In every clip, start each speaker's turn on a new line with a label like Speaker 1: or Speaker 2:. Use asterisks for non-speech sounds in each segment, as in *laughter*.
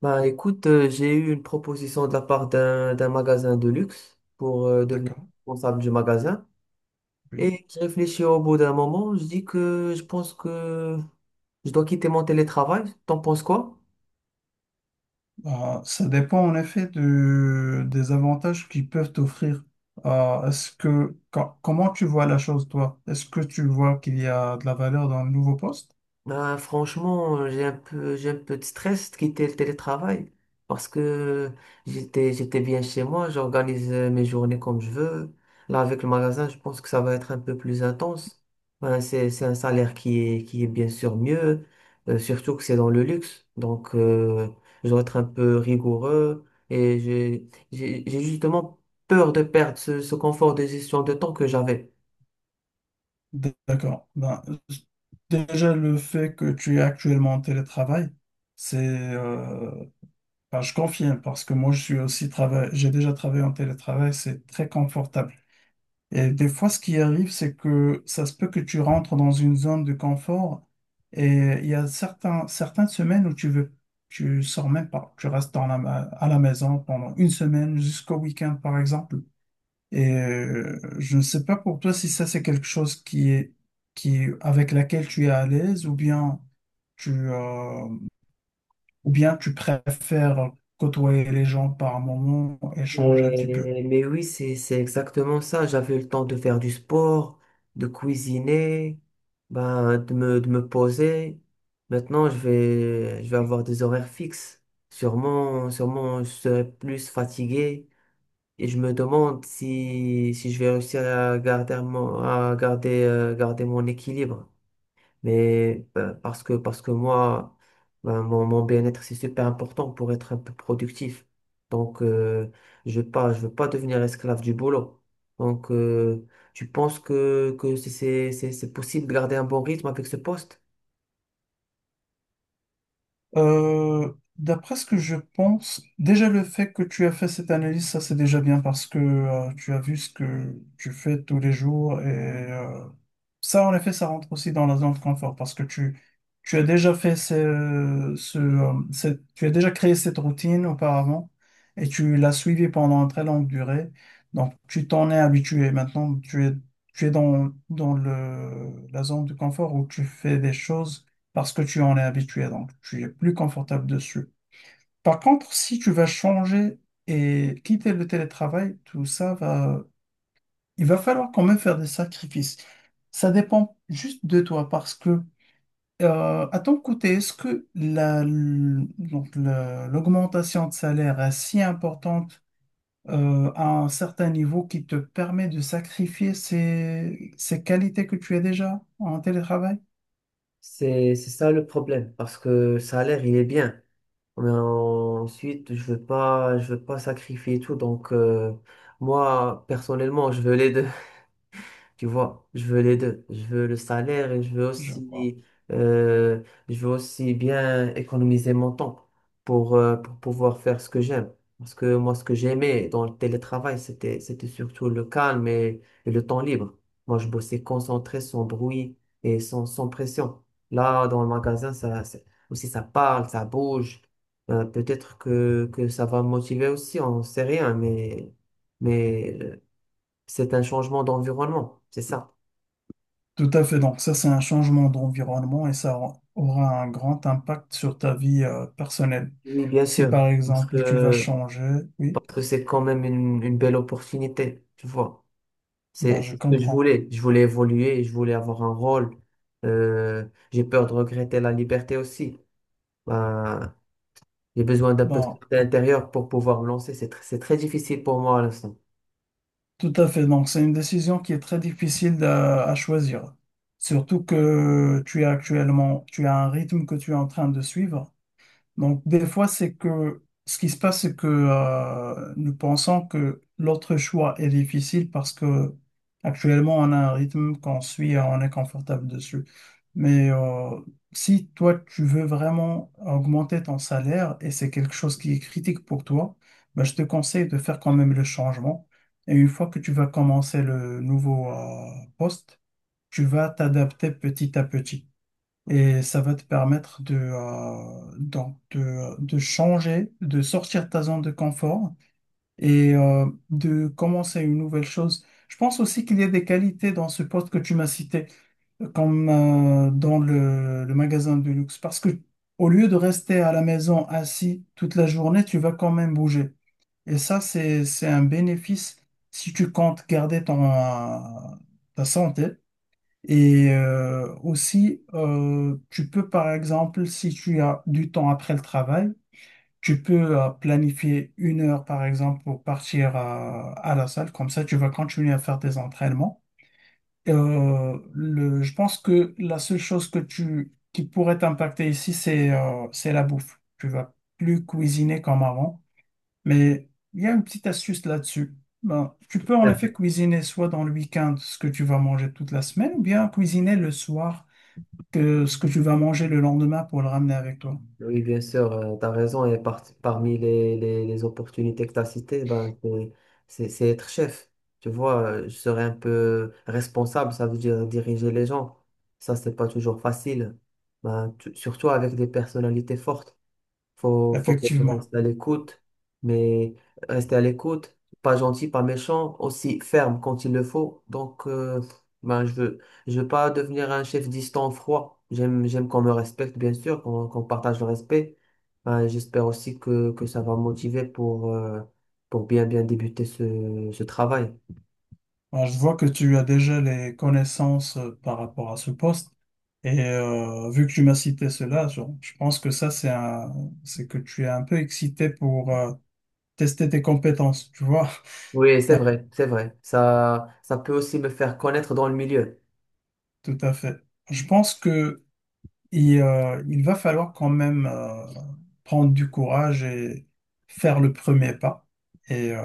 Speaker 1: Bah écoute, j'ai eu une proposition de la part d'un magasin de luxe pour devenir
Speaker 2: D'accord,
Speaker 1: responsable du magasin.
Speaker 2: oui.
Speaker 1: Et j'ai réfléchi au bout d'un moment, je dis que je pense que je dois quitter mon télétravail. T'en penses quoi?
Speaker 2: Ça dépend en effet des avantages qu'ils peuvent t'offrir. Est-ce que, comment tu vois la chose, toi? Est-ce que tu vois qu'il y a de la valeur dans le nouveau poste?
Speaker 1: Bah, franchement, j'ai un peu de stress de quitter le télétravail parce que j'étais bien chez moi, j'organise mes journées comme je veux. Là, avec le magasin, je pense que ça va être un peu plus intense. Ben, c'est un salaire qui est bien sûr mieux, surtout que c'est dans le luxe. Donc, je dois être un peu rigoureux et j'ai justement peur de perdre ce confort de gestion de temps que j'avais.
Speaker 2: D'accord. Ben, déjà, le fait que tu es actuellement en télétravail, c'est, euh, ben, je confirme parce que moi, je suis aussi travail, j'ai déjà travaillé en télétravail, c'est très confortable. Et des fois, ce qui arrive, c'est que ça se peut que tu rentres dans une zone de confort et il y a certaines semaines où tu veux, tu sors même pas, tu restes dans la, à la maison pendant une semaine jusqu'au week-end, par exemple. Et je ne sais pas pour toi si ça, c'est quelque chose qui est, qui, avec laquelle tu es à l'aise tu, euh, ou bien tu préfères côtoyer les gens par moment, échanger un petit peu.
Speaker 1: Mais oui, c'est exactement ça. J'avais le temps de faire du sport, de cuisiner, ben, de me poser. Maintenant, je vais avoir des horaires fixes. Sûrement, je serai plus fatigué. Et je me demande si, si je vais réussir à garder garder mon équilibre. Mais parce que moi, ben, mon bien-être, c'est super important pour être un peu productif. Donc, je veux pas devenir esclave du boulot. Donc, tu penses que c'est possible de garder un bon rythme avec ce poste?
Speaker 2: D'après ce que je pense, déjà le fait que tu as fait cette analyse, ça c'est déjà bien parce que tu as vu ce que tu fais tous les jours et euh, ça en effet ça rentre aussi dans la zone de confort parce que tu as déjà fait tu as déjà créé cette routine auparavant et tu l'as suivie pendant une très longue durée. Donc tu t'en es habitué. Maintenant tu es dans, dans le, la zone de confort où tu fais des choses parce que tu en es habitué, donc tu es plus confortable dessus. Par contre, si tu vas changer et quitter le télétravail, tout ça va... Il va falloir quand même faire des sacrifices. Ça dépend juste de toi parce que, à ton côté, est-ce que la, donc l'augmentation de salaire est si importante à un certain niveau qui te permet de sacrifier ces, ces qualités que tu as déjà en télétravail?
Speaker 1: C'est ça le problème, parce que le salaire, il est bien. Mais ensuite, je veux pas sacrifier tout. Donc, moi, personnellement, je veux les deux. Tu vois, je veux les deux. Je veux le salaire et
Speaker 2: Je vois.
Speaker 1: euh, je veux aussi bien économiser mon temps pour pouvoir faire ce que j'aime. Parce que moi, ce que j'aimais dans le télétravail, c'était surtout le calme et le temps libre. Moi, je bossais concentré, sans bruit et sans pression. Là, dans le magasin, aussi, ça parle, ça bouge. Peut-être que ça va me motiver aussi, on sait rien, mais c'est un changement d'environnement, c'est ça.
Speaker 2: Tout à fait. Donc ça, c'est un changement d'environnement et ça aura un grand impact sur ta vie, personnelle.
Speaker 1: Oui, bien
Speaker 2: Si
Speaker 1: sûr,
Speaker 2: par exemple, tu vas changer, oui.
Speaker 1: parce que c'est quand même une belle opportunité, tu vois.
Speaker 2: Ben, je
Speaker 1: C'est ce que je
Speaker 2: comprends.
Speaker 1: voulais. Je voulais évoluer, je voulais avoir un rôle. Euh, j'ai peur de regretter la liberté aussi. Ben, j'ai besoin d'un peu de
Speaker 2: Ben,
Speaker 1: liberté intérieure pour pouvoir me lancer. C'est très difficile pour moi à l'instant.
Speaker 2: tout à fait. Donc, c'est une décision qui est très difficile à choisir. Surtout que tu es actuellement, tu as un rythme que tu es en train de suivre. Donc, des fois, c'est que ce qui se passe, c'est que nous pensons que l'autre choix est difficile parce que actuellement, on a un rythme qu'on suit et on est confortable dessus. Mais si toi, tu veux vraiment augmenter ton salaire et c'est quelque chose qui est critique pour toi, ben, je te conseille de faire quand même le changement. Et une fois que tu vas commencer le nouveau poste, tu vas t'adapter petit à petit. Et ça va te permettre de, donc de changer, de sortir de ta zone de confort et de commencer une nouvelle chose. Je pense aussi qu'il y a des qualités dans ce poste que tu m'as cité, comme dans le magasin de luxe, parce que au lieu de rester à la maison assis toute la journée, tu vas quand même bouger. Et ça, c'est un bénéfice si tu comptes garder ton, ta santé. Et aussi, tu peux, par exemple, si tu as du temps après le travail, tu peux planifier une heure, par exemple, pour partir à la salle. Comme ça, tu vas continuer à faire tes entraînements. Je pense que la seule chose que tu, qui pourrait t'impacter ici, c'est la bouffe. Tu vas plus cuisiner comme avant. Mais il y a une petite astuce là-dessus. Ben, tu peux en effet cuisiner soit dans le week-end ce que tu vas manger toute la semaine, ou bien cuisiner le soir que ce que tu vas manger le lendemain pour le ramener avec toi.
Speaker 1: Oui, bien sûr, tu as raison. Et parmi les opportunités que tu as citées, ben, c'est être chef. Tu vois, je serais un peu responsable, ça veut dire diriger les gens. Ça, c'est pas toujours facile. Ben, surtout avec des personnalités fortes. Faut que je
Speaker 2: Effectivement.
Speaker 1: reste à l'écoute, mais rester à l'écoute, pas gentil, pas méchant, aussi ferme quand il le faut. Donc, ben, je veux pas devenir un chef distant, froid. J'aime qu'on me respecte, bien sûr, qu'on partage le respect. Ben, j'espère aussi que ça va me motiver pour bien débuter ce travail.
Speaker 2: Alors, je vois que tu as déjà les connaissances par rapport à ce poste. Et vu que tu m'as cité cela, je pense que ça, c'est un, c'est que tu es un peu excité pour, tester tes compétences, tu vois.
Speaker 1: Oui, c'est vrai, c'est vrai. Ça peut aussi me faire connaître dans le milieu.
Speaker 2: *laughs* Tout à fait. Je pense que il va falloir quand même prendre du courage et faire le premier pas et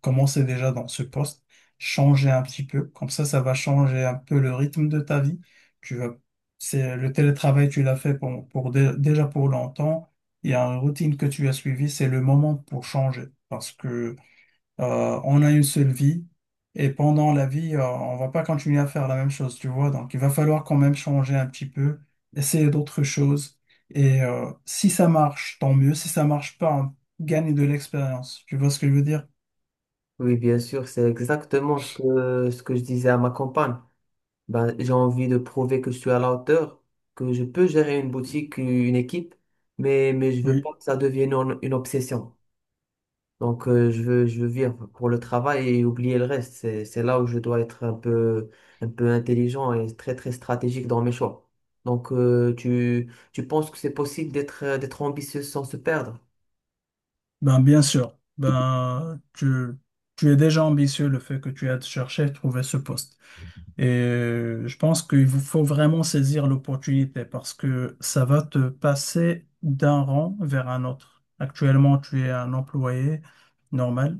Speaker 2: commencer déjà dans ce poste, changer un petit peu. Comme ça va changer un peu le rythme de ta vie. Tu vas, c'est le télétravail, tu l'as fait pour déjà pour longtemps. Il y a une routine que tu as suivie, c'est le moment pour changer parce que on a une seule vie et pendant la vie, on va pas continuer à faire la même chose, tu vois. Donc, il va falloir quand même changer un petit peu, essayer d'autres choses. Et si ça marche, tant mieux. Si ça marche pas, on gagne de l'expérience. Tu vois ce que je veux dire?
Speaker 1: Oui, bien sûr, c'est exactement ce que je disais à ma compagne. Ben, j'ai envie de prouver que je suis à la hauteur, que je peux gérer une boutique, une équipe, mais je veux
Speaker 2: Oui,
Speaker 1: pas que ça devienne une obsession. Donc, je veux vivre pour le travail et oublier le reste. C'est là où je dois être un peu intelligent et très, très stratégique dans mes choix. Donc, tu penses que c'est possible d'être ambitieux sans se perdre?
Speaker 2: Ben, bien sûr. Ben, tu es déjà ambitieux le fait que tu aies cherché à trouver ce poste. Et je pense qu'il vous faut vraiment saisir l'opportunité parce que ça va te passer d'un rang vers un autre. Actuellement, tu es un employé normal.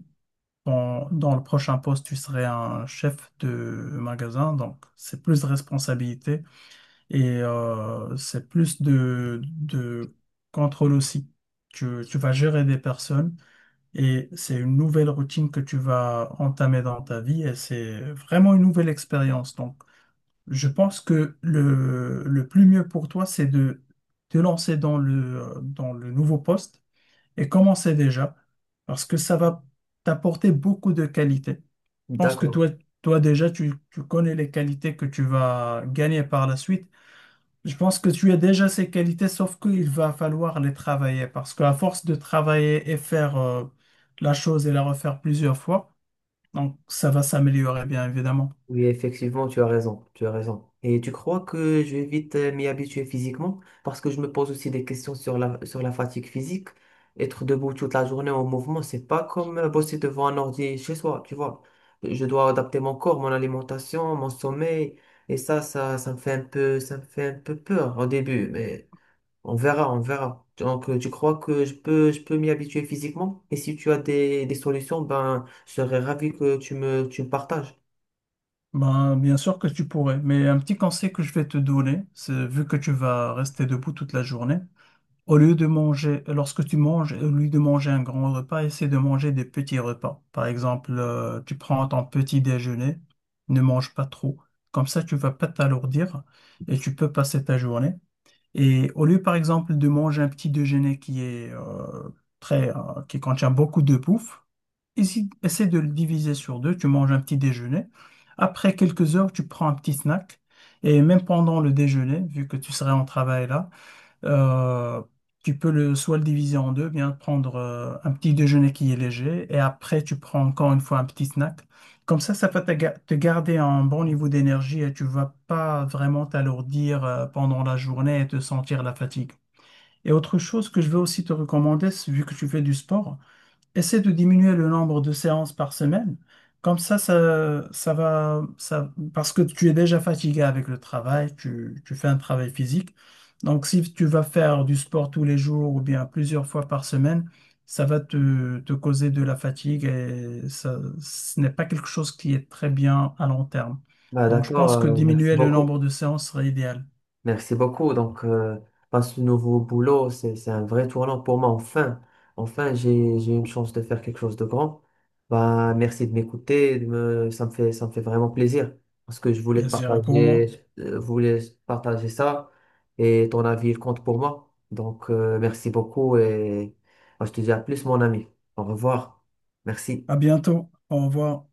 Speaker 2: Dans, dans le prochain poste, tu serais un chef de magasin, donc c'est plus de responsabilité et c'est plus de contrôle aussi. Tu vas gérer des personnes et c'est une nouvelle routine que tu vas entamer dans ta vie et c'est vraiment une nouvelle expérience. Donc, je pense que le plus mieux pour toi, c'est de te lancer dans le nouveau poste et commencer déjà, parce que ça va t'apporter beaucoup de qualités. Je pense que
Speaker 1: D'accord.
Speaker 2: toi, toi déjà, tu connais les qualités que tu vas gagner par la suite. Je pense que tu as déjà ces qualités, sauf qu'il va falloir les travailler, parce qu'à force de travailler et faire la chose et la refaire plusieurs fois, donc ça va s'améliorer, bien évidemment.
Speaker 1: Oui, effectivement, tu as raison, tu as raison. Et tu crois que je vais vite m'y habituer physiquement? Parce que je me pose aussi des questions sur sur la fatigue physique. Être debout toute la journée en mouvement, c'est pas comme bosser devant un ordi chez soi, tu vois. Je dois adapter mon corps, mon alimentation, mon sommeil. Et ça me fait un peu peur au début, mais on verra, on verra. Donc, tu crois que je peux m'y habituer physiquement? Et si tu as des solutions, ben, je serais ravi que tu me partages.
Speaker 2: Ben, bien sûr que tu pourrais, mais un petit conseil que je vais te donner, c'est vu que tu vas rester debout toute la journée, au lieu de manger, lorsque tu manges, au lieu de manger un grand repas, essaie de manger des petits repas. Par exemple, tu prends ton petit déjeuner, ne mange pas trop. Comme ça, tu vas pas t'alourdir et tu peux passer ta journée. Et au lieu, par exemple, de manger un petit déjeuner qui est qui contient beaucoup de bouffe, essaie de le diviser sur deux. Tu manges un petit déjeuner. Après quelques heures, tu prends un petit snack. Et même pendant le déjeuner, vu que tu serais en travail là, euh, tu peux le, soit le diviser en deux, bien prendre un petit déjeuner qui est léger. Et après, tu prends encore une fois un petit snack. Comme ça va te, te garder un bon niveau d'énergie et tu vas pas vraiment t'alourdir pendant la journée et te sentir la fatigue. Et autre chose que je veux aussi te recommander, c'est- vu que tu fais du sport, Essaie de diminuer le nombre de séances par semaine. Comme ça va, ça, parce que tu es déjà fatigué avec le travail, tu fais un travail physique. Donc, si tu vas faire du sport tous les jours ou bien plusieurs fois par semaine, ça va te, te causer de la fatigue et ça, ce n'est pas quelque chose qui est très bien à long terme.
Speaker 1: Bah,
Speaker 2: Donc, je
Speaker 1: d'accord,
Speaker 2: pense que
Speaker 1: merci
Speaker 2: diminuer le
Speaker 1: beaucoup.
Speaker 2: nombre de séances serait idéal.
Speaker 1: Merci beaucoup. Donc, bah, ce nouveau boulot, c'est un vrai tournant pour moi. Enfin, enfin, j'ai une chance de faire quelque chose de grand. Bah, merci de m'écouter. Ça me fait vraiment plaisir parce que je voulais
Speaker 2: Je
Speaker 1: te
Speaker 2: dirais pour moi.
Speaker 1: partager, voulais partager ça et ton avis, il compte pour moi. Donc, merci beaucoup et bah, je te dis à plus, mon ami. Au revoir.
Speaker 2: À
Speaker 1: Merci.
Speaker 2: bientôt. Au revoir.